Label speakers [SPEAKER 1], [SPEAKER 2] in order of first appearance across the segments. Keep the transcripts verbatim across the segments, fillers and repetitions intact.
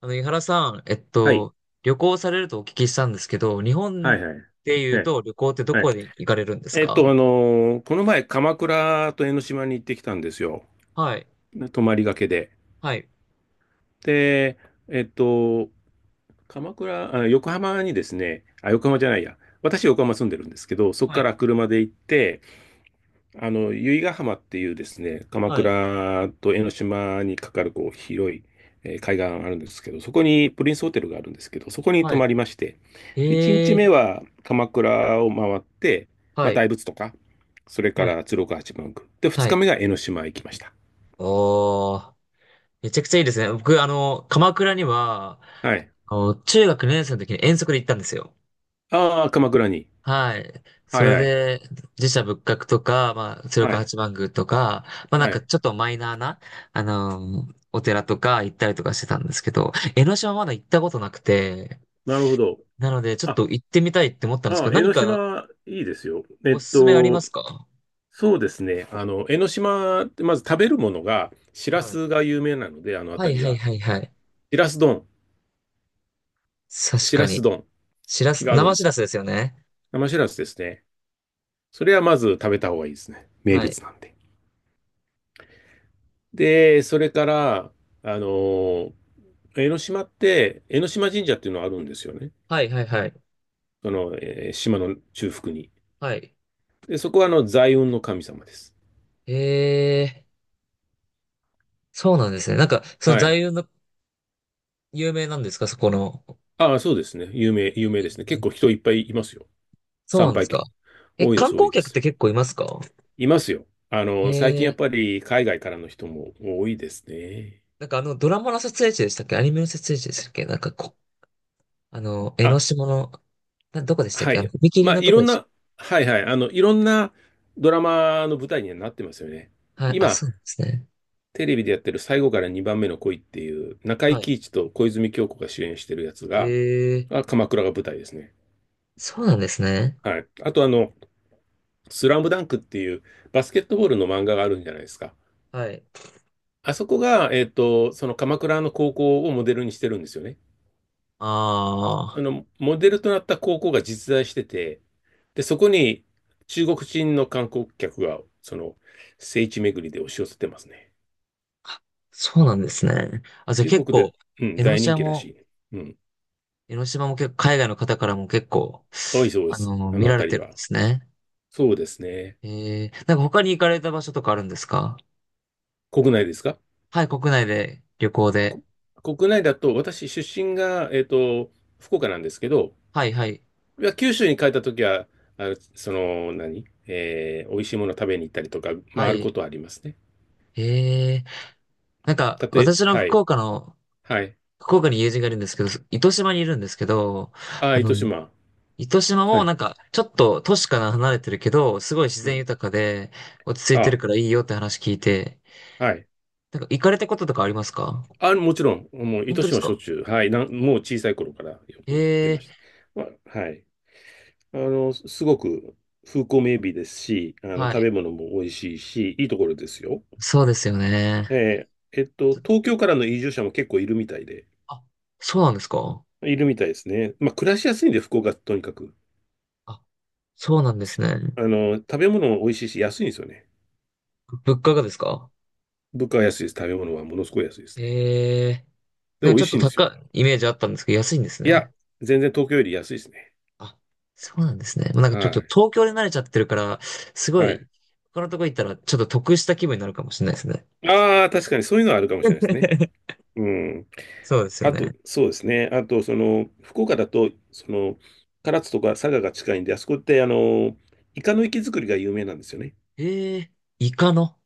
[SPEAKER 1] あの、井原さん、えっ
[SPEAKER 2] はい。
[SPEAKER 1] と、旅行されるとお聞きしたんですけど、日
[SPEAKER 2] は
[SPEAKER 1] 本
[SPEAKER 2] いはい。
[SPEAKER 1] で言う
[SPEAKER 2] ね、
[SPEAKER 1] と旅行ってど
[SPEAKER 2] はい。
[SPEAKER 1] こで行かれるんです
[SPEAKER 2] えっ
[SPEAKER 1] か？
[SPEAKER 2] と、あのーこの前、鎌倉と江ノ島に行ってきたんですよ。
[SPEAKER 1] はい、
[SPEAKER 2] ね、泊まりがけで。
[SPEAKER 1] はい、
[SPEAKER 2] で、えっと、鎌倉、あ、横浜にですね、あ、横浜じゃないや。私、横浜住んでるんですけど、そこ
[SPEAKER 1] は
[SPEAKER 2] か
[SPEAKER 1] い、
[SPEAKER 2] ら車で行って、あの、由比ヶ浜っていうですね、鎌
[SPEAKER 1] はい、
[SPEAKER 2] 倉と江ノ島にかかるこう広い、えー海岸あるんですけど、そこにプリンスホテルがあるんですけど、そこに泊
[SPEAKER 1] は
[SPEAKER 2] まりまして、で、1
[SPEAKER 1] い。
[SPEAKER 2] 日
[SPEAKER 1] ええ、
[SPEAKER 2] 目は鎌倉を回って、
[SPEAKER 1] は
[SPEAKER 2] まあ、
[SPEAKER 1] い、
[SPEAKER 2] 大仏とか、それか
[SPEAKER 1] はい、
[SPEAKER 2] ら鶴岡八幡宮。で、2
[SPEAKER 1] は
[SPEAKER 2] 日
[SPEAKER 1] い。
[SPEAKER 2] 目が江ノ島へ行きました。
[SPEAKER 1] おー、めちゃくちゃいいですね。僕、あの、鎌倉には、
[SPEAKER 2] はい。
[SPEAKER 1] あの中学にねん生の時に遠足で行ったんですよ。
[SPEAKER 2] ああ、鎌倉に。
[SPEAKER 1] はい。そ
[SPEAKER 2] はい
[SPEAKER 1] れ
[SPEAKER 2] はい。
[SPEAKER 1] で、自社仏閣とか、まあ、鶴
[SPEAKER 2] は
[SPEAKER 1] 岡
[SPEAKER 2] い。
[SPEAKER 1] 八幡宮とか、まあなん
[SPEAKER 2] は
[SPEAKER 1] か
[SPEAKER 2] い。
[SPEAKER 1] ちょっとマイナーな、あのーお寺とか行ったりとかしてたんですけど、江ノ島まだ行ったことなくて、
[SPEAKER 2] なるほど。
[SPEAKER 1] なのでちょっ
[SPEAKER 2] あ、
[SPEAKER 1] と行ってみたいって思ったんです
[SPEAKER 2] あ
[SPEAKER 1] けど、
[SPEAKER 2] あ、江
[SPEAKER 1] 何
[SPEAKER 2] ノ
[SPEAKER 1] か
[SPEAKER 2] 島いいですよ。え
[SPEAKER 1] お
[SPEAKER 2] っ
[SPEAKER 1] すすめありま
[SPEAKER 2] と、
[SPEAKER 1] すか？
[SPEAKER 2] そうですね。あの、江ノ島ってまず食べるものが、しら
[SPEAKER 1] はい。
[SPEAKER 2] すが有名なので、あの
[SPEAKER 1] はい
[SPEAKER 2] 辺り
[SPEAKER 1] はい
[SPEAKER 2] が。
[SPEAKER 1] はいはい。
[SPEAKER 2] しらす丼、
[SPEAKER 1] 確
[SPEAKER 2] し
[SPEAKER 1] か
[SPEAKER 2] らす
[SPEAKER 1] に。
[SPEAKER 2] 丼
[SPEAKER 1] しらす、
[SPEAKER 2] があるん
[SPEAKER 1] 生
[SPEAKER 2] で
[SPEAKER 1] し
[SPEAKER 2] す
[SPEAKER 1] ら
[SPEAKER 2] よ。
[SPEAKER 1] すですよね。
[SPEAKER 2] 生しらすですね。それはまず食べた方がいいですね。名
[SPEAKER 1] はい。
[SPEAKER 2] 物なんで。で、それから、あの、江ノ島って、江ノ島神社っていうのがあるんですよね。
[SPEAKER 1] はいはいはい。
[SPEAKER 2] その、えー島の中腹に。
[SPEAKER 1] はい。
[SPEAKER 2] で、そこはあの、財運の神様です。
[SPEAKER 1] ええ、そうなんですね。なんか、その
[SPEAKER 2] は
[SPEAKER 1] 座
[SPEAKER 2] い。
[SPEAKER 1] 右の有名なんですかそこの。
[SPEAKER 2] ああ、そうですね。有名、有名ですね。結構人いっぱいいますよ。
[SPEAKER 1] そう
[SPEAKER 2] 参
[SPEAKER 1] なんで
[SPEAKER 2] 拝
[SPEAKER 1] すか。
[SPEAKER 2] 客。
[SPEAKER 1] え、
[SPEAKER 2] 多いで
[SPEAKER 1] 観
[SPEAKER 2] す、多い
[SPEAKER 1] 光
[SPEAKER 2] で
[SPEAKER 1] 客って
[SPEAKER 2] す。
[SPEAKER 1] 結構いますか？
[SPEAKER 2] いますよ。あ
[SPEAKER 1] え
[SPEAKER 2] の、最近やっ
[SPEAKER 1] ー、
[SPEAKER 2] ぱり海外からの人も多いですね。
[SPEAKER 1] なんかあの、ドラマの撮影地でしたっけアニメの撮影地でしたっけなんかこ、あの、江ノ
[SPEAKER 2] あ、
[SPEAKER 1] 島の、な、どこでしたっ
[SPEAKER 2] は
[SPEAKER 1] けあ
[SPEAKER 2] い。
[SPEAKER 1] の、踏
[SPEAKER 2] ま
[SPEAKER 1] 切
[SPEAKER 2] あ、
[SPEAKER 1] の
[SPEAKER 2] い
[SPEAKER 1] と
[SPEAKER 2] ろ
[SPEAKER 1] こ
[SPEAKER 2] ん
[SPEAKER 1] でし
[SPEAKER 2] な、はいはい。あの、いろんなドラマの舞台にはなってますよね。
[SPEAKER 1] た。はい、あ、
[SPEAKER 2] 今、
[SPEAKER 1] そうなんですね。
[SPEAKER 2] テレビでやってる最後からにばんめの恋っていう、中井
[SPEAKER 1] はい。
[SPEAKER 2] 貴一と小泉今日子が主演してるやつ
[SPEAKER 1] え
[SPEAKER 2] が、
[SPEAKER 1] ー、
[SPEAKER 2] あ、鎌倉が舞台ですね。
[SPEAKER 1] そうなんですね。
[SPEAKER 2] はい。あとあの、スラムダンクっていうバスケットボールの漫画があるんじゃないですか。
[SPEAKER 1] はい。
[SPEAKER 2] あそこが、えっと、その鎌倉の高校をモデルにしてるんですよね。
[SPEAKER 1] あ
[SPEAKER 2] あ
[SPEAKER 1] あ、
[SPEAKER 2] の、モデルとなった高校が実在してて、で、そこに中国人の観光客が、その、聖地巡りで押し寄せてますね。
[SPEAKER 1] そうなんですね。あ、じゃあ
[SPEAKER 2] 中
[SPEAKER 1] 結
[SPEAKER 2] 国で、
[SPEAKER 1] 構、
[SPEAKER 2] うん、
[SPEAKER 1] 江ノ
[SPEAKER 2] 大人
[SPEAKER 1] 島
[SPEAKER 2] 気ら
[SPEAKER 1] も、
[SPEAKER 2] しい。うん。
[SPEAKER 1] 江ノ島も結構、海外の方からも結構、
[SPEAKER 2] 多いそうで
[SPEAKER 1] あ
[SPEAKER 2] す。
[SPEAKER 1] の、
[SPEAKER 2] あ
[SPEAKER 1] 見
[SPEAKER 2] の
[SPEAKER 1] られ
[SPEAKER 2] 辺
[SPEAKER 1] て
[SPEAKER 2] り
[SPEAKER 1] るんで
[SPEAKER 2] は。
[SPEAKER 1] すね。
[SPEAKER 2] そうですね。
[SPEAKER 1] えー、なんか他に行かれた場所とかあるんですか？
[SPEAKER 2] 国内ですか？
[SPEAKER 1] はい、国内で、旅行で。
[SPEAKER 2] こ国内だと、私、出身が、えっと、福岡なんですけど、
[SPEAKER 1] はいはい。
[SPEAKER 2] いや九州に帰った時は、あのその、何えー、美味しいもの食べに行ったりとか、ま
[SPEAKER 1] は
[SPEAKER 2] あ、ある
[SPEAKER 1] い。
[SPEAKER 2] ことはありますね。
[SPEAKER 1] ええ、なんか、
[SPEAKER 2] たとえ、
[SPEAKER 1] 私の
[SPEAKER 2] は
[SPEAKER 1] 福
[SPEAKER 2] い。
[SPEAKER 1] 岡の、
[SPEAKER 2] はい。
[SPEAKER 1] 福岡に友人がいるんですけど、糸島にいるんですけど、
[SPEAKER 2] ああ、
[SPEAKER 1] あの、
[SPEAKER 2] 糸島。
[SPEAKER 1] 糸島
[SPEAKER 2] は
[SPEAKER 1] も
[SPEAKER 2] い。
[SPEAKER 1] なんか、ちょっと都市から離れてるけど、すごい自
[SPEAKER 2] う
[SPEAKER 1] 然
[SPEAKER 2] ん。
[SPEAKER 1] 豊かで、落ち着いて
[SPEAKER 2] あ、
[SPEAKER 1] るからいいよって話聞いて、
[SPEAKER 2] はい。
[SPEAKER 1] なんか、行かれたこととかありますか？
[SPEAKER 2] あ、もちろん、もう、
[SPEAKER 1] 本
[SPEAKER 2] 糸
[SPEAKER 1] 当で
[SPEAKER 2] 島
[SPEAKER 1] す
[SPEAKER 2] はしょっ
[SPEAKER 1] か？
[SPEAKER 2] ちゅう、はい、なん、もう小さい頃からよく行ってま
[SPEAKER 1] ええ、
[SPEAKER 2] した。まあ、はい。あの、すすごく風光明媚ですし、あの、
[SPEAKER 1] は
[SPEAKER 2] 食
[SPEAKER 1] い。
[SPEAKER 2] べ物も美味しいし、いいところですよ。
[SPEAKER 1] そうですよね。
[SPEAKER 2] えーえっと、東京からの移住者も結構いるみたいで、
[SPEAKER 1] あ、そうなんですか？
[SPEAKER 2] いるみたいですね。まあ、暮らしやすいんで、福岡、とにかく。
[SPEAKER 1] あ、そうなんですね。
[SPEAKER 2] あの、食べ物も美味しいし、安いんですよね。
[SPEAKER 1] 物価がですか？
[SPEAKER 2] 物価は安いです。食べ物はものすごい安いですね。
[SPEAKER 1] ええ、
[SPEAKER 2] で、
[SPEAKER 1] なん
[SPEAKER 2] 美
[SPEAKER 1] かち
[SPEAKER 2] 味
[SPEAKER 1] ょっ
[SPEAKER 2] し
[SPEAKER 1] と
[SPEAKER 2] いんですよ。
[SPEAKER 1] 高いイメージあったんですけど、安いんです
[SPEAKER 2] いや、
[SPEAKER 1] ね。
[SPEAKER 2] 全然東京より安いですね。
[SPEAKER 1] あ、そうなんですね。もうなんかちょっ
[SPEAKER 2] は
[SPEAKER 1] と
[SPEAKER 2] い。
[SPEAKER 1] 東京で慣れちゃってるから、すご
[SPEAKER 2] はい。
[SPEAKER 1] い、他のとこ行ったらちょっと得した気分になるかもしれないですね。
[SPEAKER 2] ああ、確かにそういうのはあるかもしれないですね。うん。
[SPEAKER 1] そうですよ
[SPEAKER 2] あと、
[SPEAKER 1] ね。
[SPEAKER 2] そうですね。あと、その、福岡だと、その、唐津とか佐賀が近いんで、あそこって、あの、イカの活き作りが有名なんですよね。
[SPEAKER 1] ええ、イカの。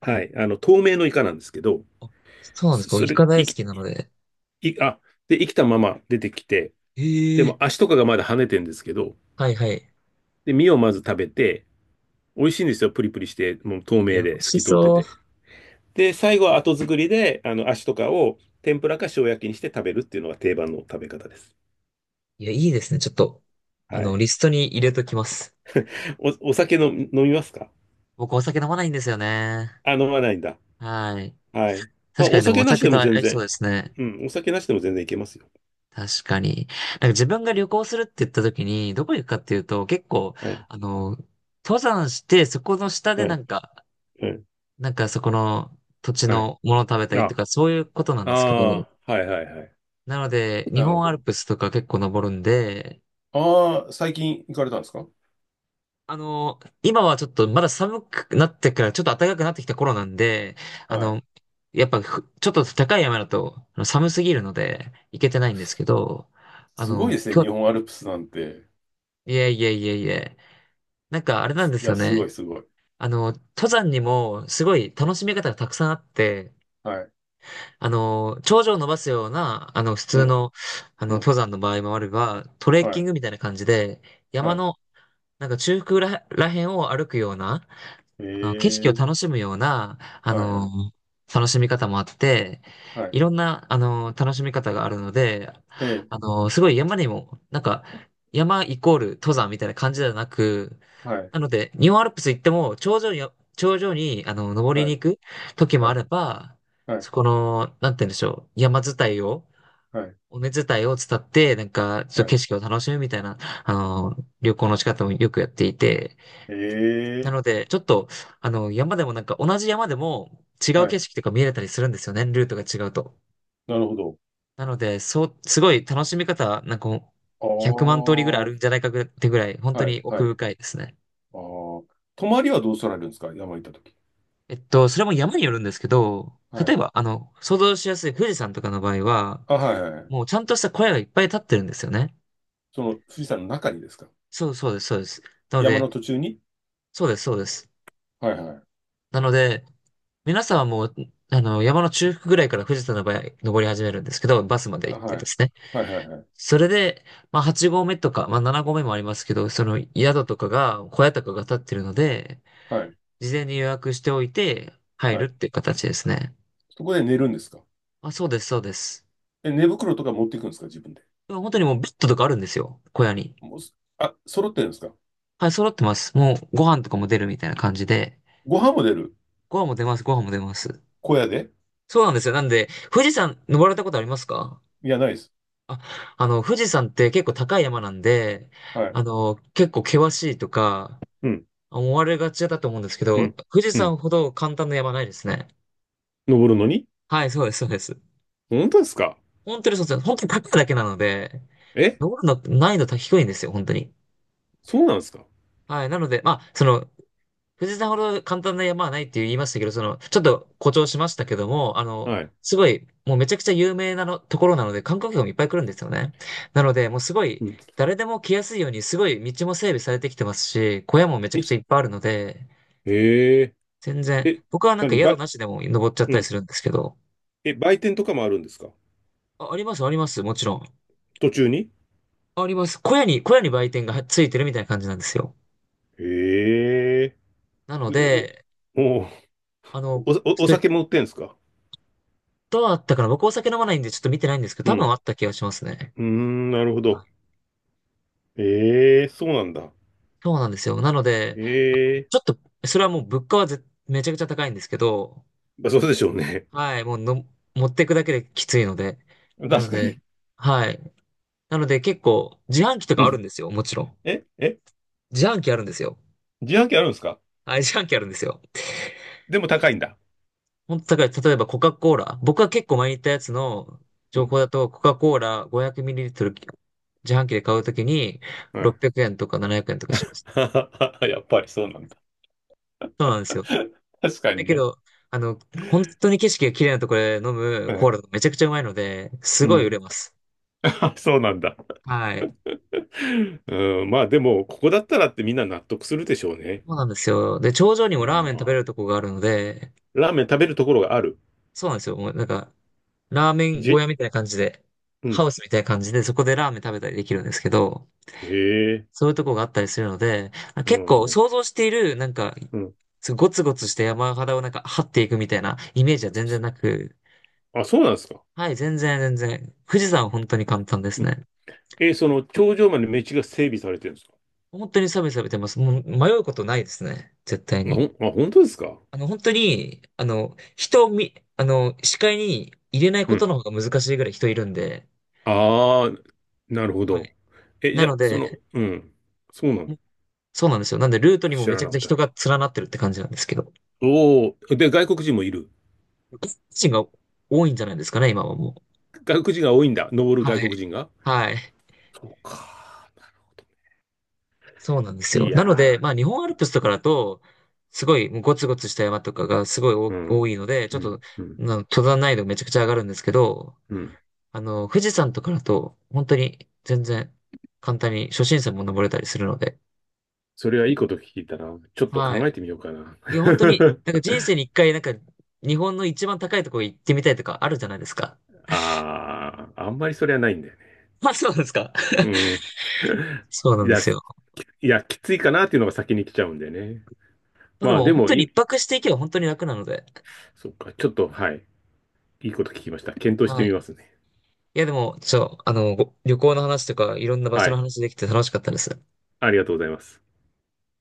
[SPEAKER 2] はい。あの、透明のイカなんですけど、
[SPEAKER 1] あ、そうなんです
[SPEAKER 2] そ
[SPEAKER 1] か。
[SPEAKER 2] そ
[SPEAKER 1] イ
[SPEAKER 2] れ、
[SPEAKER 1] カ大
[SPEAKER 2] い
[SPEAKER 1] 好
[SPEAKER 2] き、
[SPEAKER 1] きなので。
[SPEAKER 2] い、あ、で、生きたまま出てきて、でも
[SPEAKER 1] ええ、
[SPEAKER 2] 足とかがまだ跳ねてるんですけど、
[SPEAKER 1] はいはい。
[SPEAKER 2] で、身をまず食べて、美味しいんですよ。プリプリして、もう透
[SPEAKER 1] い
[SPEAKER 2] 明
[SPEAKER 1] や、美
[SPEAKER 2] で
[SPEAKER 1] 味
[SPEAKER 2] 透
[SPEAKER 1] し
[SPEAKER 2] き通って
[SPEAKER 1] そう。
[SPEAKER 2] て。で、最後は後作りで、あの、足とかを天ぷらか塩焼きにして食べるっていうのが定番の食べ方です。
[SPEAKER 1] いや、いいですね。ちょっと、あ
[SPEAKER 2] は
[SPEAKER 1] の、
[SPEAKER 2] い。
[SPEAKER 1] リストに入れときます。
[SPEAKER 2] お、お酒の飲みますか？
[SPEAKER 1] 僕お酒飲まないんですよね。
[SPEAKER 2] あ、飲まないんだ。
[SPEAKER 1] はい。
[SPEAKER 2] はい。まあ、
[SPEAKER 1] 確か
[SPEAKER 2] お
[SPEAKER 1] にでも
[SPEAKER 2] 酒
[SPEAKER 1] お
[SPEAKER 2] なし
[SPEAKER 1] 酒
[SPEAKER 2] で
[SPEAKER 1] と
[SPEAKER 2] も
[SPEAKER 1] 合
[SPEAKER 2] 全
[SPEAKER 1] いそう
[SPEAKER 2] 然。
[SPEAKER 1] ですね。
[SPEAKER 2] うん、お酒なしでも全然いけますよ。
[SPEAKER 1] 確かに。なんか自分が旅行するって言った時に、どこ行くかっていうと、結構、
[SPEAKER 2] はい。
[SPEAKER 1] あの、登山して、そこの下で
[SPEAKER 2] は
[SPEAKER 1] な
[SPEAKER 2] い。
[SPEAKER 1] んか、
[SPEAKER 2] はい。
[SPEAKER 1] なんかそこの土地
[SPEAKER 2] はい。
[SPEAKER 1] のものを食べたりと
[SPEAKER 2] あ、
[SPEAKER 1] か、そういうことな
[SPEAKER 2] あ
[SPEAKER 1] んですけど、
[SPEAKER 2] あ、はいはいはい。
[SPEAKER 1] なので、日
[SPEAKER 2] なるほ
[SPEAKER 1] 本アル
[SPEAKER 2] ど。
[SPEAKER 1] プスとか結構登るんで、
[SPEAKER 2] ああ、最近行かれたんですか？
[SPEAKER 1] あの、今はちょっとまだ寒くなってから、ちょっと暖かくなってきた頃なんで、あ
[SPEAKER 2] はい。
[SPEAKER 1] の、やっぱふ、ちょっと高い山だとあの寒すぎるので、行けてないんですけど、あ
[SPEAKER 2] すごい
[SPEAKER 1] の、
[SPEAKER 2] ですね、
[SPEAKER 1] 今
[SPEAKER 2] 日
[SPEAKER 1] 日、
[SPEAKER 2] 本アルプスなんて。
[SPEAKER 1] いえいえいえいえ、なんかあれなんで
[SPEAKER 2] い
[SPEAKER 1] す
[SPEAKER 2] や、
[SPEAKER 1] よ
[SPEAKER 2] すご
[SPEAKER 1] ね。
[SPEAKER 2] いすごい。
[SPEAKER 1] あの、登山にもすごい楽しみ方がたくさんあって、
[SPEAKER 2] はい。
[SPEAKER 1] あの、頂上を伸ばすような、あの、普
[SPEAKER 2] う
[SPEAKER 1] 通
[SPEAKER 2] ん、
[SPEAKER 1] の、あの、
[SPEAKER 2] うん、
[SPEAKER 1] 登山の場合もあれば、トレッ
[SPEAKER 2] は
[SPEAKER 1] キン
[SPEAKER 2] い、
[SPEAKER 1] グみたいな感じで、
[SPEAKER 2] は
[SPEAKER 1] 山
[SPEAKER 2] い。
[SPEAKER 1] の、なんか中腹ら、らへんを歩くような、
[SPEAKER 2] え
[SPEAKER 1] あの、景色を
[SPEAKER 2] え、
[SPEAKER 1] 楽しむような、あ
[SPEAKER 2] はいは
[SPEAKER 1] の、
[SPEAKER 2] い、
[SPEAKER 1] 楽しみ方もあって、
[SPEAKER 2] はい。
[SPEAKER 1] いろんな、あの、楽しみ方があるので、
[SPEAKER 2] ええ、
[SPEAKER 1] あの、すごい山にも、なんか、山イコール登山みたいな感じではなく、
[SPEAKER 2] はい、
[SPEAKER 1] なので、日本アルプス行っても、頂上に、頂上に、あの、登り
[SPEAKER 2] は
[SPEAKER 1] に
[SPEAKER 2] い、
[SPEAKER 1] 行く時も
[SPEAKER 2] は
[SPEAKER 1] あ
[SPEAKER 2] い、
[SPEAKER 1] れば、
[SPEAKER 2] はい、
[SPEAKER 1] そこの、なんて言うんでしょう、山伝いを、
[SPEAKER 2] はい。
[SPEAKER 1] 尾根伝いを伝って、なんか、ちょ
[SPEAKER 2] は
[SPEAKER 1] っと景
[SPEAKER 2] い、
[SPEAKER 1] 色を楽しむみたいな、あの、旅行の仕方もよくやっていて、
[SPEAKER 2] え
[SPEAKER 1] な
[SPEAKER 2] え、
[SPEAKER 1] ので、ちょっと、あの、山でもなんか同じ山でも違う
[SPEAKER 2] は
[SPEAKER 1] 景
[SPEAKER 2] い。
[SPEAKER 1] 色とか見れたりするんですよね、ルートが違うと。
[SPEAKER 2] なるほど。
[SPEAKER 1] なので、そう、すごい楽しみ方、なんか
[SPEAKER 2] あ
[SPEAKER 1] ひゃくまん通りぐらいあ
[SPEAKER 2] あ、
[SPEAKER 1] るんじゃないかってぐらい、本当
[SPEAKER 2] は
[SPEAKER 1] に
[SPEAKER 2] い、は
[SPEAKER 1] 奥
[SPEAKER 2] い。
[SPEAKER 1] 深いですね。
[SPEAKER 2] ああ、泊まりはどうされるんですか？山行ったとき。
[SPEAKER 1] えっと、それも山によるんですけど、
[SPEAKER 2] は
[SPEAKER 1] 例え
[SPEAKER 2] い。
[SPEAKER 1] ば、あの、想像しやすい富士山とかの場合は、
[SPEAKER 2] あ、はい、はいはい。
[SPEAKER 1] もうちゃんとした小屋がいっぱい立ってるんですよね。
[SPEAKER 2] その、富士山の中にですか？
[SPEAKER 1] そうそうです、そうです。なの
[SPEAKER 2] 山
[SPEAKER 1] で、
[SPEAKER 2] の途中に？
[SPEAKER 1] そうです、そうです。
[SPEAKER 2] はい、はい。
[SPEAKER 1] なので、皆さんはもう、あの、山の中腹ぐらいから富士山の場合、登り始めるんですけど、バスまで
[SPEAKER 2] あ、
[SPEAKER 1] 行って
[SPEAKER 2] はい。
[SPEAKER 1] ですね。
[SPEAKER 2] はい、はい、はい。
[SPEAKER 1] それで、まあはち合目とか、まあなな合目もありますけど、その
[SPEAKER 2] うん。
[SPEAKER 1] 宿とかが、小屋とかが立ってるので、
[SPEAKER 2] はい、
[SPEAKER 1] 事前に予約しておいて入
[SPEAKER 2] は
[SPEAKER 1] るっ
[SPEAKER 2] い。
[SPEAKER 1] ていう形ですね。
[SPEAKER 2] そこで寝るんですか？
[SPEAKER 1] あ、そうです、そうです。
[SPEAKER 2] え、寝袋とか持っていくんですか？自分で。
[SPEAKER 1] でも本当にもうベッドとかあるんですよ、小屋に。
[SPEAKER 2] もうす、あ、揃ってるんですか？
[SPEAKER 1] はい、揃ってます。もうご飯とかも出るみたいな感じで。
[SPEAKER 2] ご飯も出る？
[SPEAKER 1] ご飯も出ます、ご飯も出ます。
[SPEAKER 2] 小屋で？
[SPEAKER 1] そうなんですよ。なんで、富士山登られたことありますか？
[SPEAKER 2] いや、ないです。
[SPEAKER 1] あ、あの、富士山って結構高い山なんで、
[SPEAKER 2] は
[SPEAKER 1] あ
[SPEAKER 2] い。
[SPEAKER 1] の、結構険しいとか、
[SPEAKER 2] うん、
[SPEAKER 1] 思われがちだと思うんですけ
[SPEAKER 2] う
[SPEAKER 1] ど、
[SPEAKER 2] ん、
[SPEAKER 1] 富士
[SPEAKER 2] うん。
[SPEAKER 1] 山ほど簡単な山ないですね。
[SPEAKER 2] 登るのに？
[SPEAKER 1] はい、そうです、そうです。
[SPEAKER 2] 本当ですか？
[SPEAKER 1] 本当にそうです。本当に高いだけなので、
[SPEAKER 2] え、
[SPEAKER 1] 登るの難易度低いんですよ、本当に。
[SPEAKER 2] そうなんですか？
[SPEAKER 1] はい、なので、まあ、その、富士山ほど簡単な山はないって言いましたけど、その、ちょっと誇張しましたけども、あの、
[SPEAKER 2] はい。
[SPEAKER 1] すごい、もうめちゃくちゃ有名なの、ところなので、観光客もいっぱい来るんですよね。なので、もうすごい、
[SPEAKER 2] うん。
[SPEAKER 1] 誰でも来やすいように、すごい道も整備されてきてますし、小屋もめちゃ
[SPEAKER 2] い
[SPEAKER 1] くちゃいっぱいあるので、
[SPEAKER 2] へえ
[SPEAKER 1] 全然、
[SPEAKER 2] え、
[SPEAKER 1] 僕はなんか
[SPEAKER 2] 何
[SPEAKER 1] 宿
[SPEAKER 2] ば、
[SPEAKER 1] なしでも登っちゃっ
[SPEAKER 2] う
[SPEAKER 1] たり
[SPEAKER 2] ん。
[SPEAKER 1] するんですけど、
[SPEAKER 2] え、売店とかもあるんですか？
[SPEAKER 1] あ、あります、あります、もちろん。
[SPEAKER 2] 途中に？
[SPEAKER 1] あります。小屋に、小屋に売店がついてるみたいな感じなんですよ。
[SPEAKER 2] へえ。
[SPEAKER 1] なの
[SPEAKER 2] でお、
[SPEAKER 1] で、
[SPEAKER 2] お、
[SPEAKER 1] あ
[SPEAKER 2] お、お
[SPEAKER 1] の、それ
[SPEAKER 2] 酒も売ってんすか？
[SPEAKER 1] どうあったかな僕お酒飲まないんでちょっと見てないんですけ
[SPEAKER 2] う
[SPEAKER 1] ど、多分
[SPEAKER 2] ん。
[SPEAKER 1] あった気がしますね。
[SPEAKER 2] うーん、なるほど。ええ、そうなんだ。
[SPEAKER 1] そうなんですよ。なので、あの
[SPEAKER 2] え
[SPEAKER 1] ちょ
[SPEAKER 2] え。
[SPEAKER 1] っと、それはもう物価はぜめちゃくちゃ高いんですけど、
[SPEAKER 2] まあ、そうでしょうね。
[SPEAKER 1] はい、もうの、持っていくだけできついので。なの
[SPEAKER 2] 確か
[SPEAKER 1] で、
[SPEAKER 2] に。
[SPEAKER 1] はい。なので結構、自販機と
[SPEAKER 2] う
[SPEAKER 1] かあるん
[SPEAKER 2] ん。
[SPEAKER 1] ですよ、もちろん。
[SPEAKER 2] え、え、
[SPEAKER 1] 自販機あるんですよ。
[SPEAKER 2] 自販機あるんですか？
[SPEAKER 1] はい、自販機あるんですよ。
[SPEAKER 2] でも高いんだ。
[SPEAKER 1] 本当だから、例えばコカ・コーラ。僕は結構前に言ったやつの
[SPEAKER 2] う
[SPEAKER 1] 情
[SPEAKER 2] ん。
[SPEAKER 1] 報だと、コカ・コーラ ごひゃくミリリットル 自販機で買うときに600
[SPEAKER 2] は
[SPEAKER 1] 円とかななひゃくえんとか
[SPEAKER 2] い。
[SPEAKER 1] します。
[SPEAKER 2] やっぱりそうなんだ。
[SPEAKER 1] そうなんで すよ。
[SPEAKER 2] 確か
[SPEAKER 1] だ
[SPEAKER 2] に
[SPEAKER 1] け
[SPEAKER 2] ね。
[SPEAKER 1] ど、あの、本当に景色が綺麗なところで飲む
[SPEAKER 2] う
[SPEAKER 1] コー
[SPEAKER 2] ん
[SPEAKER 1] ラがめちゃくちゃうまいので、す
[SPEAKER 2] う
[SPEAKER 1] ごい売
[SPEAKER 2] ん。
[SPEAKER 1] れます。
[SPEAKER 2] あ、そうなんだ。
[SPEAKER 1] はい。
[SPEAKER 2] うん。まあ、でも、ここだったらってみんな納得するでしょうね。
[SPEAKER 1] そうなんですよ。で、頂上にも
[SPEAKER 2] ま
[SPEAKER 1] ラーメン食べれる
[SPEAKER 2] あ、
[SPEAKER 1] とこがあるので、
[SPEAKER 2] ラーメン食べるところがある。
[SPEAKER 1] そうなんですよ。もうなんか、ラーメン小
[SPEAKER 2] じ、
[SPEAKER 1] 屋みたいな感じで、
[SPEAKER 2] う
[SPEAKER 1] ハ
[SPEAKER 2] ん。
[SPEAKER 1] ウスみたいな感じで、そこでラーメン食べたりできるんですけど、
[SPEAKER 2] へえ。
[SPEAKER 1] そういうとこがあったりするので、
[SPEAKER 2] う
[SPEAKER 1] 結構
[SPEAKER 2] んうん。
[SPEAKER 1] 想像している、なんか、すごいゴツゴツした山肌をなんか張っていくみたいなイメージは全然な
[SPEAKER 2] そ
[SPEAKER 1] く、
[SPEAKER 2] あ、そうなんですか。
[SPEAKER 1] はい、全然全然。富士山は本当に簡単です
[SPEAKER 2] うん。
[SPEAKER 1] ね。
[SPEAKER 2] えーその頂上まで道が整備されてるんですか。
[SPEAKER 1] 本当にサビサビてます。もう迷うことないですね。絶対
[SPEAKER 2] あ、ほ
[SPEAKER 1] に。
[SPEAKER 2] ん、あ、本当ですか。
[SPEAKER 1] あの、本当に、あの、人を見、あの、視界に入れない
[SPEAKER 2] う
[SPEAKER 1] こと
[SPEAKER 2] ん。
[SPEAKER 1] の方が難しいぐらい人いるんで、
[SPEAKER 2] ああ、なるほ
[SPEAKER 1] は
[SPEAKER 2] ど。
[SPEAKER 1] い。
[SPEAKER 2] え、じ
[SPEAKER 1] な
[SPEAKER 2] ゃあ、
[SPEAKER 1] の
[SPEAKER 2] その、
[SPEAKER 1] で、
[SPEAKER 2] うん。そうなん
[SPEAKER 1] そうなんですよ。なんでルート
[SPEAKER 2] だ。
[SPEAKER 1] にも
[SPEAKER 2] 知
[SPEAKER 1] め
[SPEAKER 2] ら
[SPEAKER 1] ちゃく
[SPEAKER 2] な
[SPEAKER 1] ち
[SPEAKER 2] か
[SPEAKER 1] ゃ
[SPEAKER 2] った。
[SPEAKER 1] 人が連なってるって感じなんですけど、
[SPEAKER 2] おお、で、外国人もいる。
[SPEAKER 1] 外国人が多いんじゃないですかね、今はもう。
[SPEAKER 2] 外国人が多いんだ。登る
[SPEAKER 1] は
[SPEAKER 2] 外
[SPEAKER 1] い。
[SPEAKER 2] 国人が。
[SPEAKER 1] はい。
[SPEAKER 2] そうか。なるほど。
[SPEAKER 1] そうなんです
[SPEAKER 2] い
[SPEAKER 1] よ。なので、
[SPEAKER 2] や
[SPEAKER 1] まあ日本アルプスとかだと、すごいもうゴツゴツした山とかがすごい多
[SPEAKER 2] ー、う
[SPEAKER 1] 多
[SPEAKER 2] ん、
[SPEAKER 1] いので、ち
[SPEAKER 2] う
[SPEAKER 1] ょっと、
[SPEAKER 2] ん、うん、
[SPEAKER 1] な登山難易度めちゃくちゃ上がるんですけど、
[SPEAKER 2] うん。
[SPEAKER 1] あの、富士山とかだと、本当に全然簡単に初心者も登れたりするので、
[SPEAKER 2] それはいいこと聞いたな。ちょっと
[SPEAKER 1] はい。
[SPEAKER 2] 考えてみようかな。
[SPEAKER 1] いや、本当に、なんか人生に一回、なんか日本の一番高いところ行ってみたいとかあるじゃないですか。
[SPEAKER 2] ああ、あんまりそれはないんだよ。
[SPEAKER 1] まあそうなんですか。
[SPEAKER 2] うん。
[SPEAKER 1] そうな
[SPEAKER 2] い
[SPEAKER 1] んで
[SPEAKER 2] や、
[SPEAKER 1] す
[SPEAKER 2] す
[SPEAKER 1] よ。
[SPEAKER 2] いや、きついかなっていうのが先に来ちゃうんでね。
[SPEAKER 1] まあで
[SPEAKER 2] まあ
[SPEAKER 1] も
[SPEAKER 2] で
[SPEAKER 1] 本
[SPEAKER 2] も
[SPEAKER 1] 当に一
[SPEAKER 2] い、
[SPEAKER 1] 泊していけば本当に楽なので、
[SPEAKER 2] そっか、ちょっと、はい。いいこと聞きました。検討して
[SPEAKER 1] は
[SPEAKER 2] み
[SPEAKER 1] い。
[SPEAKER 2] ますね。
[SPEAKER 1] いや、でも、ちょ、あの、ご旅行の話とか、いろんな場所
[SPEAKER 2] は
[SPEAKER 1] の
[SPEAKER 2] い。
[SPEAKER 1] 話できて楽しかったです。
[SPEAKER 2] ありがとうございます。